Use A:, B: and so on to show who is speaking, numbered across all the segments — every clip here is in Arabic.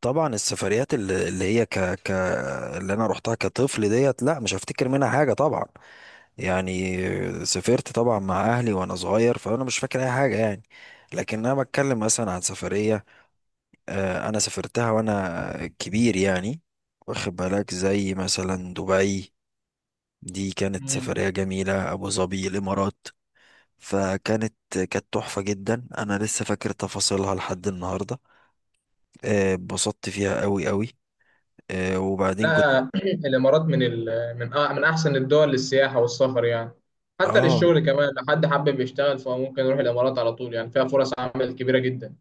A: طبعا السفريات اللي هي اللي انا روحتها كطفل ديت، لا مش هفتكر منها حاجه طبعا، يعني. سافرت طبعا مع اهلي وانا صغير، فانا مش فاكر اي حاجه يعني. لكن انا بتكلم مثلا عن سفريه. انا سافرتها وانا كبير يعني. واخد بالك؟ زي مثلا دبي. دي كانت
B: مم.
A: سفريه جميله، ابو ظبي، الامارات. فكانت تحفه جدا، انا لسه فاكر تفاصيلها لحد النهارده. اتبسطت فيها قوي قوي. وبعدين كنت.
B: لا الامارات من ال... من أ... من احسن الدول للسياحه والسفر، يعني حتى
A: اه،
B: للشغل كمان. لو حد حابب يشتغل فهو ممكن يروح الامارات على طول، يعني فيها فرص عمل كبيره جدا.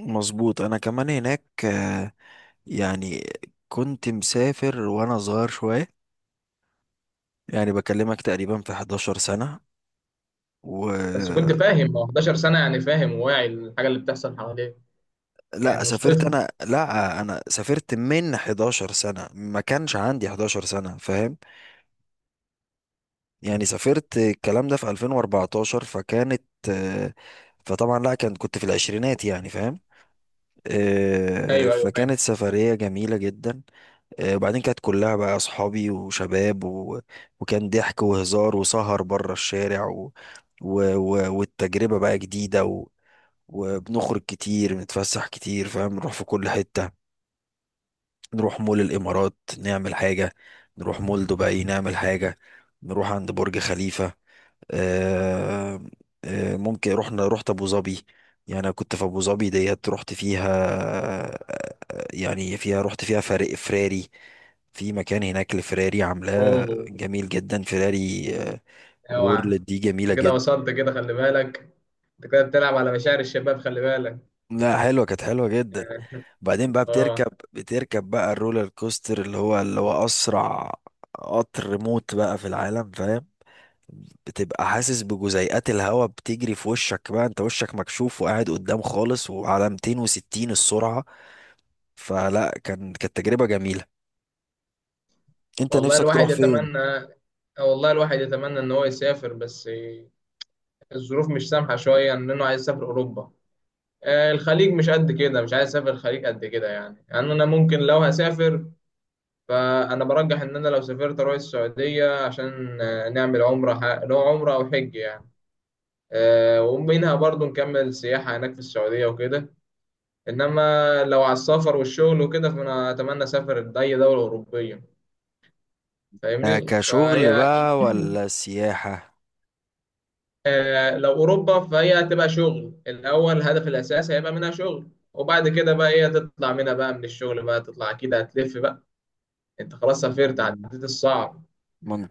A: مظبوط، انا كمان هناك. يعني كنت مسافر وانا صغير شوية، يعني بكلمك تقريبا في 11 سنة
B: بس كنت
A: و.
B: فاهم هو 11 سنه؟ يعني فاهم وواعي للحاجه اللي بتحصل حواليك،
A: لا،
B: يعني مش
A: سافرت
B: طفل؟
A: انا، لا، انا سافرت من 11 سنة، ما كانش عندي 11 سنة فاهم. يعني سافرت الكلام ده في 2014 فكانت. آه، فطبعا، لا كان كنت في العشرينات يعني فاهم.
B: ايوه، ايوه، فاهم.
A: فكانت سفرية جميلة جدا. وبعدين كانت كلها بقى أصحابي وشباب وكان ضحك وهزار وسهر بره الشارع، و... والتجربة بقى جديدة، وبنخرج كتير، بنتفسح كتير فاهم، نروح في كل حتة. نروح مول الإمارات نعمل حاجة، نروح مول دبي نعمل حاجة، نروح عند برج خليفة. آه، ممكن رحنا، رحت ابو ظبي، يعني أنا كنت في ابو ظبي ديت رحت فيها. يعني فيها، رحت فيها فريق فراري، في مكان هناك لفراري عاملاه
B: اوه،
A: جميل جدا، فراري
B: اوعى،
A: وورلد. دي جميلة
B: انت كده
A: جدا.
B: وصلت كده خلي بالك. انت كده بتلعب على مشاعر الشباب خلي بالك.
A: لا، حلوة، كانت حلوة جدا. بعدين بقى بتركب،
B: اه.
A: بتركب بقى الرولر كوستر اللي هو اسرع قطر موت بقى في العالم فاهم. بتبقى حاسس بجزيئات الهواء بتجري في وشك بقى، انت وشك مكشوف وقاعد قدام خالص وعلى 260 السرعة. فلا، كانت تجربة جميلة. انت
B: والله
A: نفسك تروح
B: الواحد
A: فين؟
B: يتمنى آه، والله الواحد يتمنى ان هو يسافر، بس الظروف مش سامحة شوية. إن أنا عايز أسافر أوروبا. الخليج مش قد كده، مش عايز أسافر الخليج قد كده. يعني أنا ممكن لو هسافر، فأنا برجح إن أنا لو سافرت أروح السعودية عشان نعمل عمرة. اللي هو عمرة أو حج يعني. ومنها برضو نكمل سياحة هناك في السعودية وكده. إنما لو على السفر والشغل وكده، فأنا أتمنى أسافر لأي دولة أوروبية، فاهمني؟
A: كشغل
B: فهي
A: بقى ولا سياحة؟
B: لو اوروبا فهي هتبقى شغل. الاول الهدف الاساسي هيبقى منها شغل، وبعد كده بقى هي تطلع منها بقى، من الشغل بقى تطلع اكيد هتلف بقى. انت خلاص سافرت،
A: مم.
B: عديت الصعب،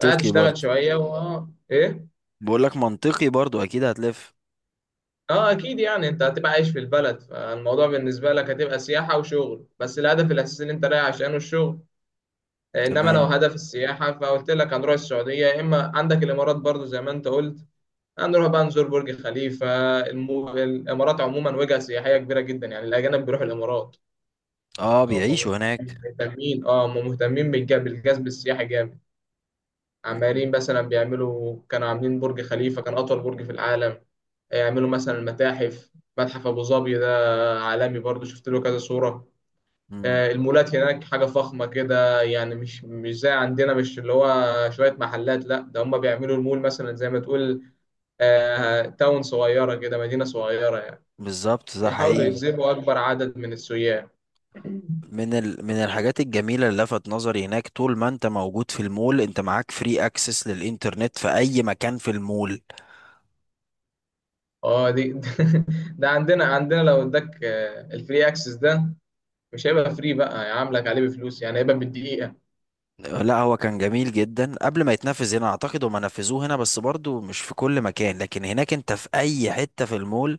B: بقى تشتغل
A: برضو.
B: شويه و... ايه.
A: بقولك منطقي برضو، اكيد هتلف.
B: اه، اكيد، يعني انت هتبقى عايش في البلد، فالموضوع بالنسبه لك هتبقى سياحه وشغل، بس الهدف الاساسي اللي انت رايح عشانه الشغل. انما لو
A: تمام.
B: هدف السياحه فقلت لك هنروح السعوديه، يا اما عندك الامارات برضو زي ما انت قلت. هنروح بقى نزور برج خليفة. الإمارات عموما وجهة سياحية كبيرة جدا، يعني الأجانب بيروحوا الإمارات.
A: اه،
B: أو هم
A: بيعيشوا هناك.
B: مهتمين، اه هم مهتمين بالجذب السياحي جامد. عمالين مثلا بيعملوا، كانوا عاملين برج خليفة كان أطول برج في العالم. يعملوا مثلا المتاحف، متحف أبو ظبي ده عالمي برضو، شفت له كذا صورة.
A: مم.
B: المولات هناك حاجة فخمة كده، يعني مش زي عندنا، مش اللي هو شوية محلات. لا ده هم بيعملوا المول مثلا زي ما تقول تاون صغيرة كده، مدينة صغيرة.
A: بالظبط، ده
B: بيحاولوا
A: حقيقي.
B: يجذبوا أكبر عدد من السياح.
A: من الحاجات الجميلة اللي لفت نظري هناك، طول ما انت موجود في المول انت معاك فري اكسس للانترنت في اي مكان في المول.
B: اه دي ده عندنا لو اداك الفري اكسس ده، مش هيبقى فري بقى، هيعاملك عليه بفلوس، يعني هيبقى بالدقيقة.
A: لا، هو كان جميل جدا قبل ما يتنفذ هنا، اعتقد هما نفذوه هنا بس برضو مش في كل مكان، لكن هناك انت في اي حتة في المول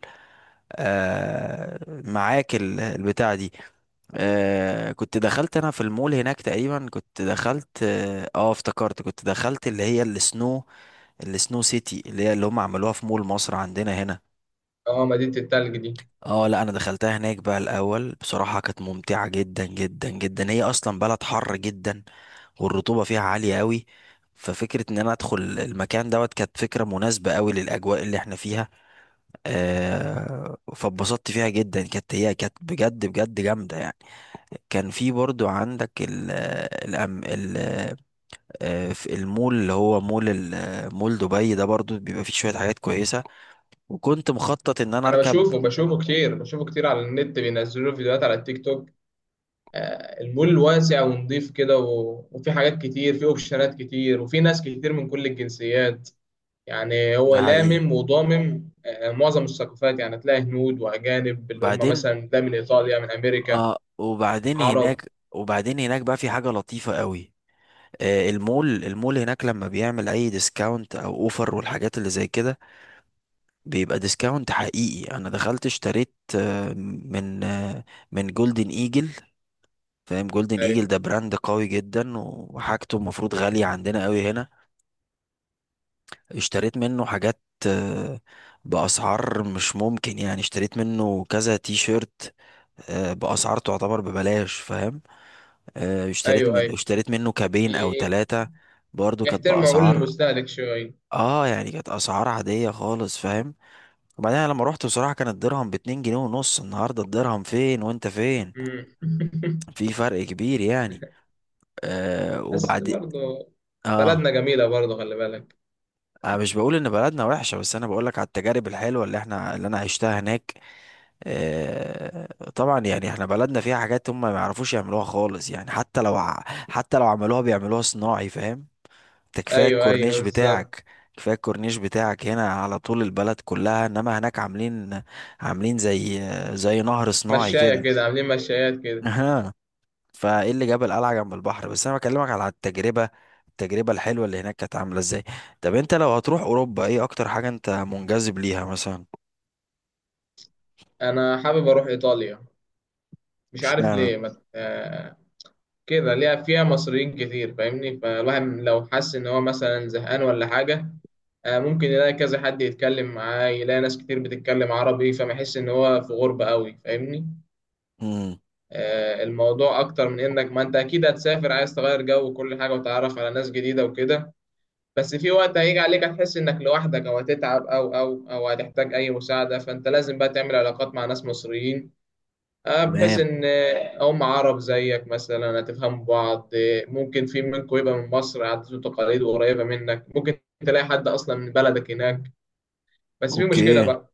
A: معاك البتاع دي. كنت دخلت انا في المول هناك تقريبا، كنت دخلت افتكرت كنت دخلت اللي هي السنو سيتي اللي هي اللي هم عملوها في مول مصر عندنا هنا.
B: اه مدينة التلج دي،
A: اه، لا انا دخلتها هناك بقى الاول، بصراحه كانت ممتعه جدا جدا جدا، هي اصلا بلد حر جدا والرطوبه فيها عاليه قوي. ففكره ان انا ادخل المكان دوت كانت فكره مناسبه قوي للاجواء اللي احنا فيها. فاتبسطت فيها جدا، كانت، هي كانت بجد بجد جامده يعني. كان في برضو عندك ال الأم ال آه، في المول اللي هو مول دبي ده برضو بيبقى فيه شويه حاجات كويسه. وكنت مخطط ان انا
B: انا
A: اركب.
B: بشوفه كتير على النت، بينزلوا له فيديوهات على التيك توك. المول واسع ونضيف كده، وفي حاجات كتير، في اوبشنات كتير، وفي ناس كتير من كل الجنسيات. يعني هو
A: ده حقيقي.
B: لامم وضامم معظم الثقافات، يعني تلاقي هنود واجانب اللي هم
A: بعدين
B: مثلا ده من ايطاليا، من امريكا،
A: اه، وبعدين
B: عرب.
A: هناك وبعدين هناك بقى في حاجة لطيفة قوي. المول هناك لما بيعمل اي ديسكاونت او اوفر والحاجات اللي زي كده، بيبقى ديسكاونت حقيقي. انا دخلت اشتريت، من آه، من جولدن ايجل. فاهم، جولدن
B: ايوه،
A: ايجل ده براند قوي جدا وحاجته المفروض غالية عندنا قوي هنا. اشتريت منه حاجات آه، بأسعار مش ممكن، يعني اشتريت منه كذا تي شيرت بأسعار تعتبر ببلاش فاهم.
B: ايوه، ايوه.
A: اشتريت منه كابين او
B: بي-
A: ثلاثة، برضو كانت
B: بيحترموا عقول
A: بأسعار،
B: المستهلك شويه.
A: اه يعني كانت اسعار عادية خالص فاهم. وبعدين أنا لما روحت بصراحة كان الدرهم باتنين جنيه ونص، النهاردة الدرهم فين وانت فين،
B: مم.
A: في فرق كبير يعني. آه
B: بس
A: وبعد
B: برضه
A: اه
B: بلدنا جميله برضه، خلي بالك.
A: انا مش بقول ان بلدنا وحشة، بس انا بقولك على التجارب الحلوة اللي انا عشتها هناك. طبعا يعني احنا بلدنا فيها حاجات هم ما يعرفوش يعملوها خالص يعني، حتى لو حتى لو عملوها بيعملوها صناعي فاهم. ده كفايه
B: ايوه، ايوه،
A: الكورنيش
B: بالظبط.
A: بتاعك. كفايه الكورنيش بتاعك هنا على طول البلد كلها، انما هناك عاملين، عاملين زي نهر صناعي
B: مشايه
A: كده.
B: كده، عاملين مشايات كده.
A: اها. فايه اللي جاب القلعه جنب البحر، بس انا بكلمك على التجربه الحلوه اللي هناك كانت عامله ازاي. طب انت لو هتروح اوروبا، ايه اكتر حاجه انت منجذب ليها مثلا؟
B: انا حابب اروح ايطاليا. مش عارف
A: اشمعنى؟
B: ليه، ما كده ليها. فيها مصريين كتير، فاهمني؟ فالواحد لو حس ان هو مثلا زهقان ولا حاجه، ممكن يلاقي كذا حد يتكلم معاه، يلاقي ناس كتير بتتكلم عربي، فما يحس ان هو في غربه قوي، فاهمني؟
A: امم.
B: الموضوع اكتر من انك، ما انت اكيد هتسافر عايز تغير جو وكل حاجه وتتعرف على ناس جديده وكده، بس في وقت هيجي عليك هتحس انك لوحدك، او هتتعب، او او هتحتاج اي مساعده، فانت لازم بقى تعمل علاقات مع ناس مصريين، بحيث
A: تمام.
B: ان هم عرب زيك مثلا، هتفهموا بعض. ممكن في منكم يبقى من مصر، عادات وتقاليد وقريبه منك، ممكن تلاقي حد اصلا من بلدك هناك. بس في
A: اوكي،
B: مشكله بقى،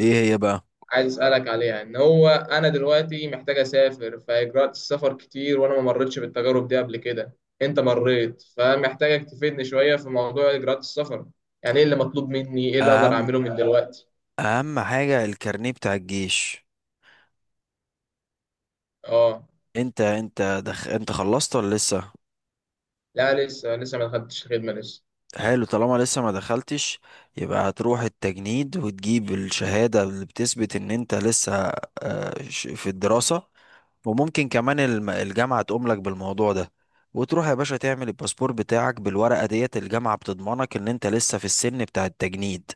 A: ايه هي بقى؟
B: عايز اسالك عليها، ان هو انا دلوقتي محتاج اسافر، فاجراءات السفر كتير، وانا ما مريتش بالتجارب دي قبل كده. انت مريت، فمحتاجك تفيدني شويه في موضوع اجراءات السفر. يعني ايه اللي مطلوب مني؟ ايه اللي اقدر
A: اهم
B: اعمله من دلوقتي؟
A: اهم حاجه الكارنيه بتاع الجيش.
B: اه.
A: انت خلصت ولا لسه؟
B: لا لسه ما دخلتش الخدمه لسه.
A: حلو، طالما لسه ما دخلتش، يبقى هتروح التجنيد وتجيب الشهادة اللي بتثبت ان انت لسه في الدراسة. وممكن كمان الجامعة تقوم لك بالموضوع ده، وتروح يا باشا تعمل الباسبور بتاعك بالورقة ديت، الجامعة بتضمنك ان انت لسه في السن بتاع التجنيد،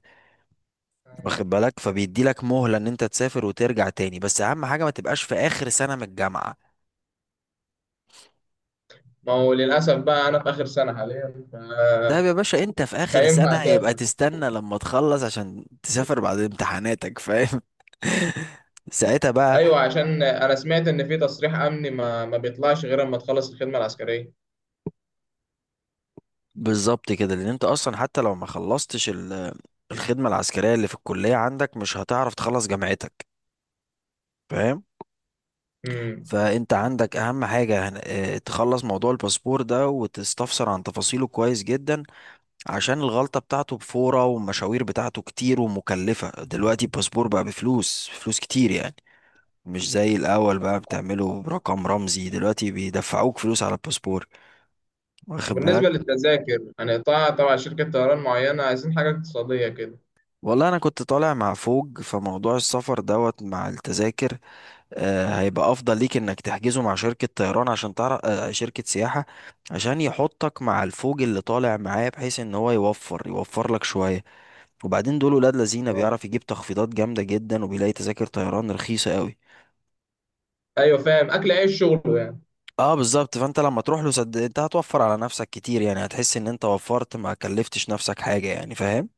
A: واخد بالك؟ فبيدي لك مهلة ان انت تسافر وترجع تاني، بس اهم حاجة ما تبقاش في اخر سنة من الجامعة.
B: ما هو للاسف بقى انا في اخر سنه حاليا،
A: ده يا
B: فمش
A: باشا انت في اخر
B: هينفع
A: سنة، يبقى
B: اسافر.
A: تستنى لما تخلص عشان تسافر بعد امتحاناتك فاهم. ساعتها بقى.
B: ايوه، عشان انا سمعت ان في تصريح امني ما بيطلعش غير اما تخلص الخدمه العسكريه.
A: بالظبط كده، لان انت اصلا حتى لو ما خلصتش الخدمة العسكرية اللي في الكلية عندك، مش هتعرف تخلص جامعتك فاهم.
B: امم.
A: فانت عندك اهم حاجة تخلص موضوع الباسبور ده وتستفسر عن تفاصيله كويس جدا، عشان الغلطة بتاعته بفورة والمشاوير بتاعته كتير ومكلفة، دلوقتي الباسبور بقى بفلوس، فلوس كتير يعني، مش زي الأول بقى بتعمله برقم رمزي، دلوقتي بيدفعوك فلوس على الباسبور، واخد
B: وبالنسبة
A: بالك؟
B: للتذاكر هنقطعها طبعا شركة طيران معينة، عايزين حاجة اقتصادية كده.
A: والله أنا كنت طالع مع فوج، فموضوع السفر دوت مع التذاكر هيبقى أفضل ليك إنك تحجزه مع شركة طيران، عشان تعرف شركة سياحة عشان يحطك مع الفوج اللي طالع معاه، بحيث إن هو يوفر لك شوية. وبعدين دول ولاد لذينة،
B: اه،
A: بيعرف يجيب تخفيضات جامدة جدا وبيلاقي تذاكر طيران رخيصة قوي.
B: أيوة، فاهم، أكل عيش شغله يعني.
A: اه بالظبط، فانت لما تروح له صدق، انت هتوفر على نفسك كتير يعني، هتحس ان انت وفرت، ما كلفتش نفسك حاجة يعني فاهم.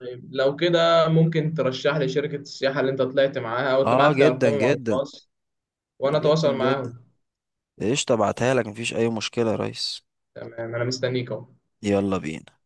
B: طيب لو كده ممكن ترشح لي شركة السياحة اللي أنت طلعت معاها، أو
A: اه
B: تبعت لي
A: جدا
B: أرقامهم على
A: جدا.
B: الخاص وأنا
A: جدا
B: أتواصل
A: جدا.
B: معاهم.
A: ايش تبعتها لك، مفيش اي مشكلة يا ريس.
B: تمام، أنا مستنيك أهو.
A: يلا بينا.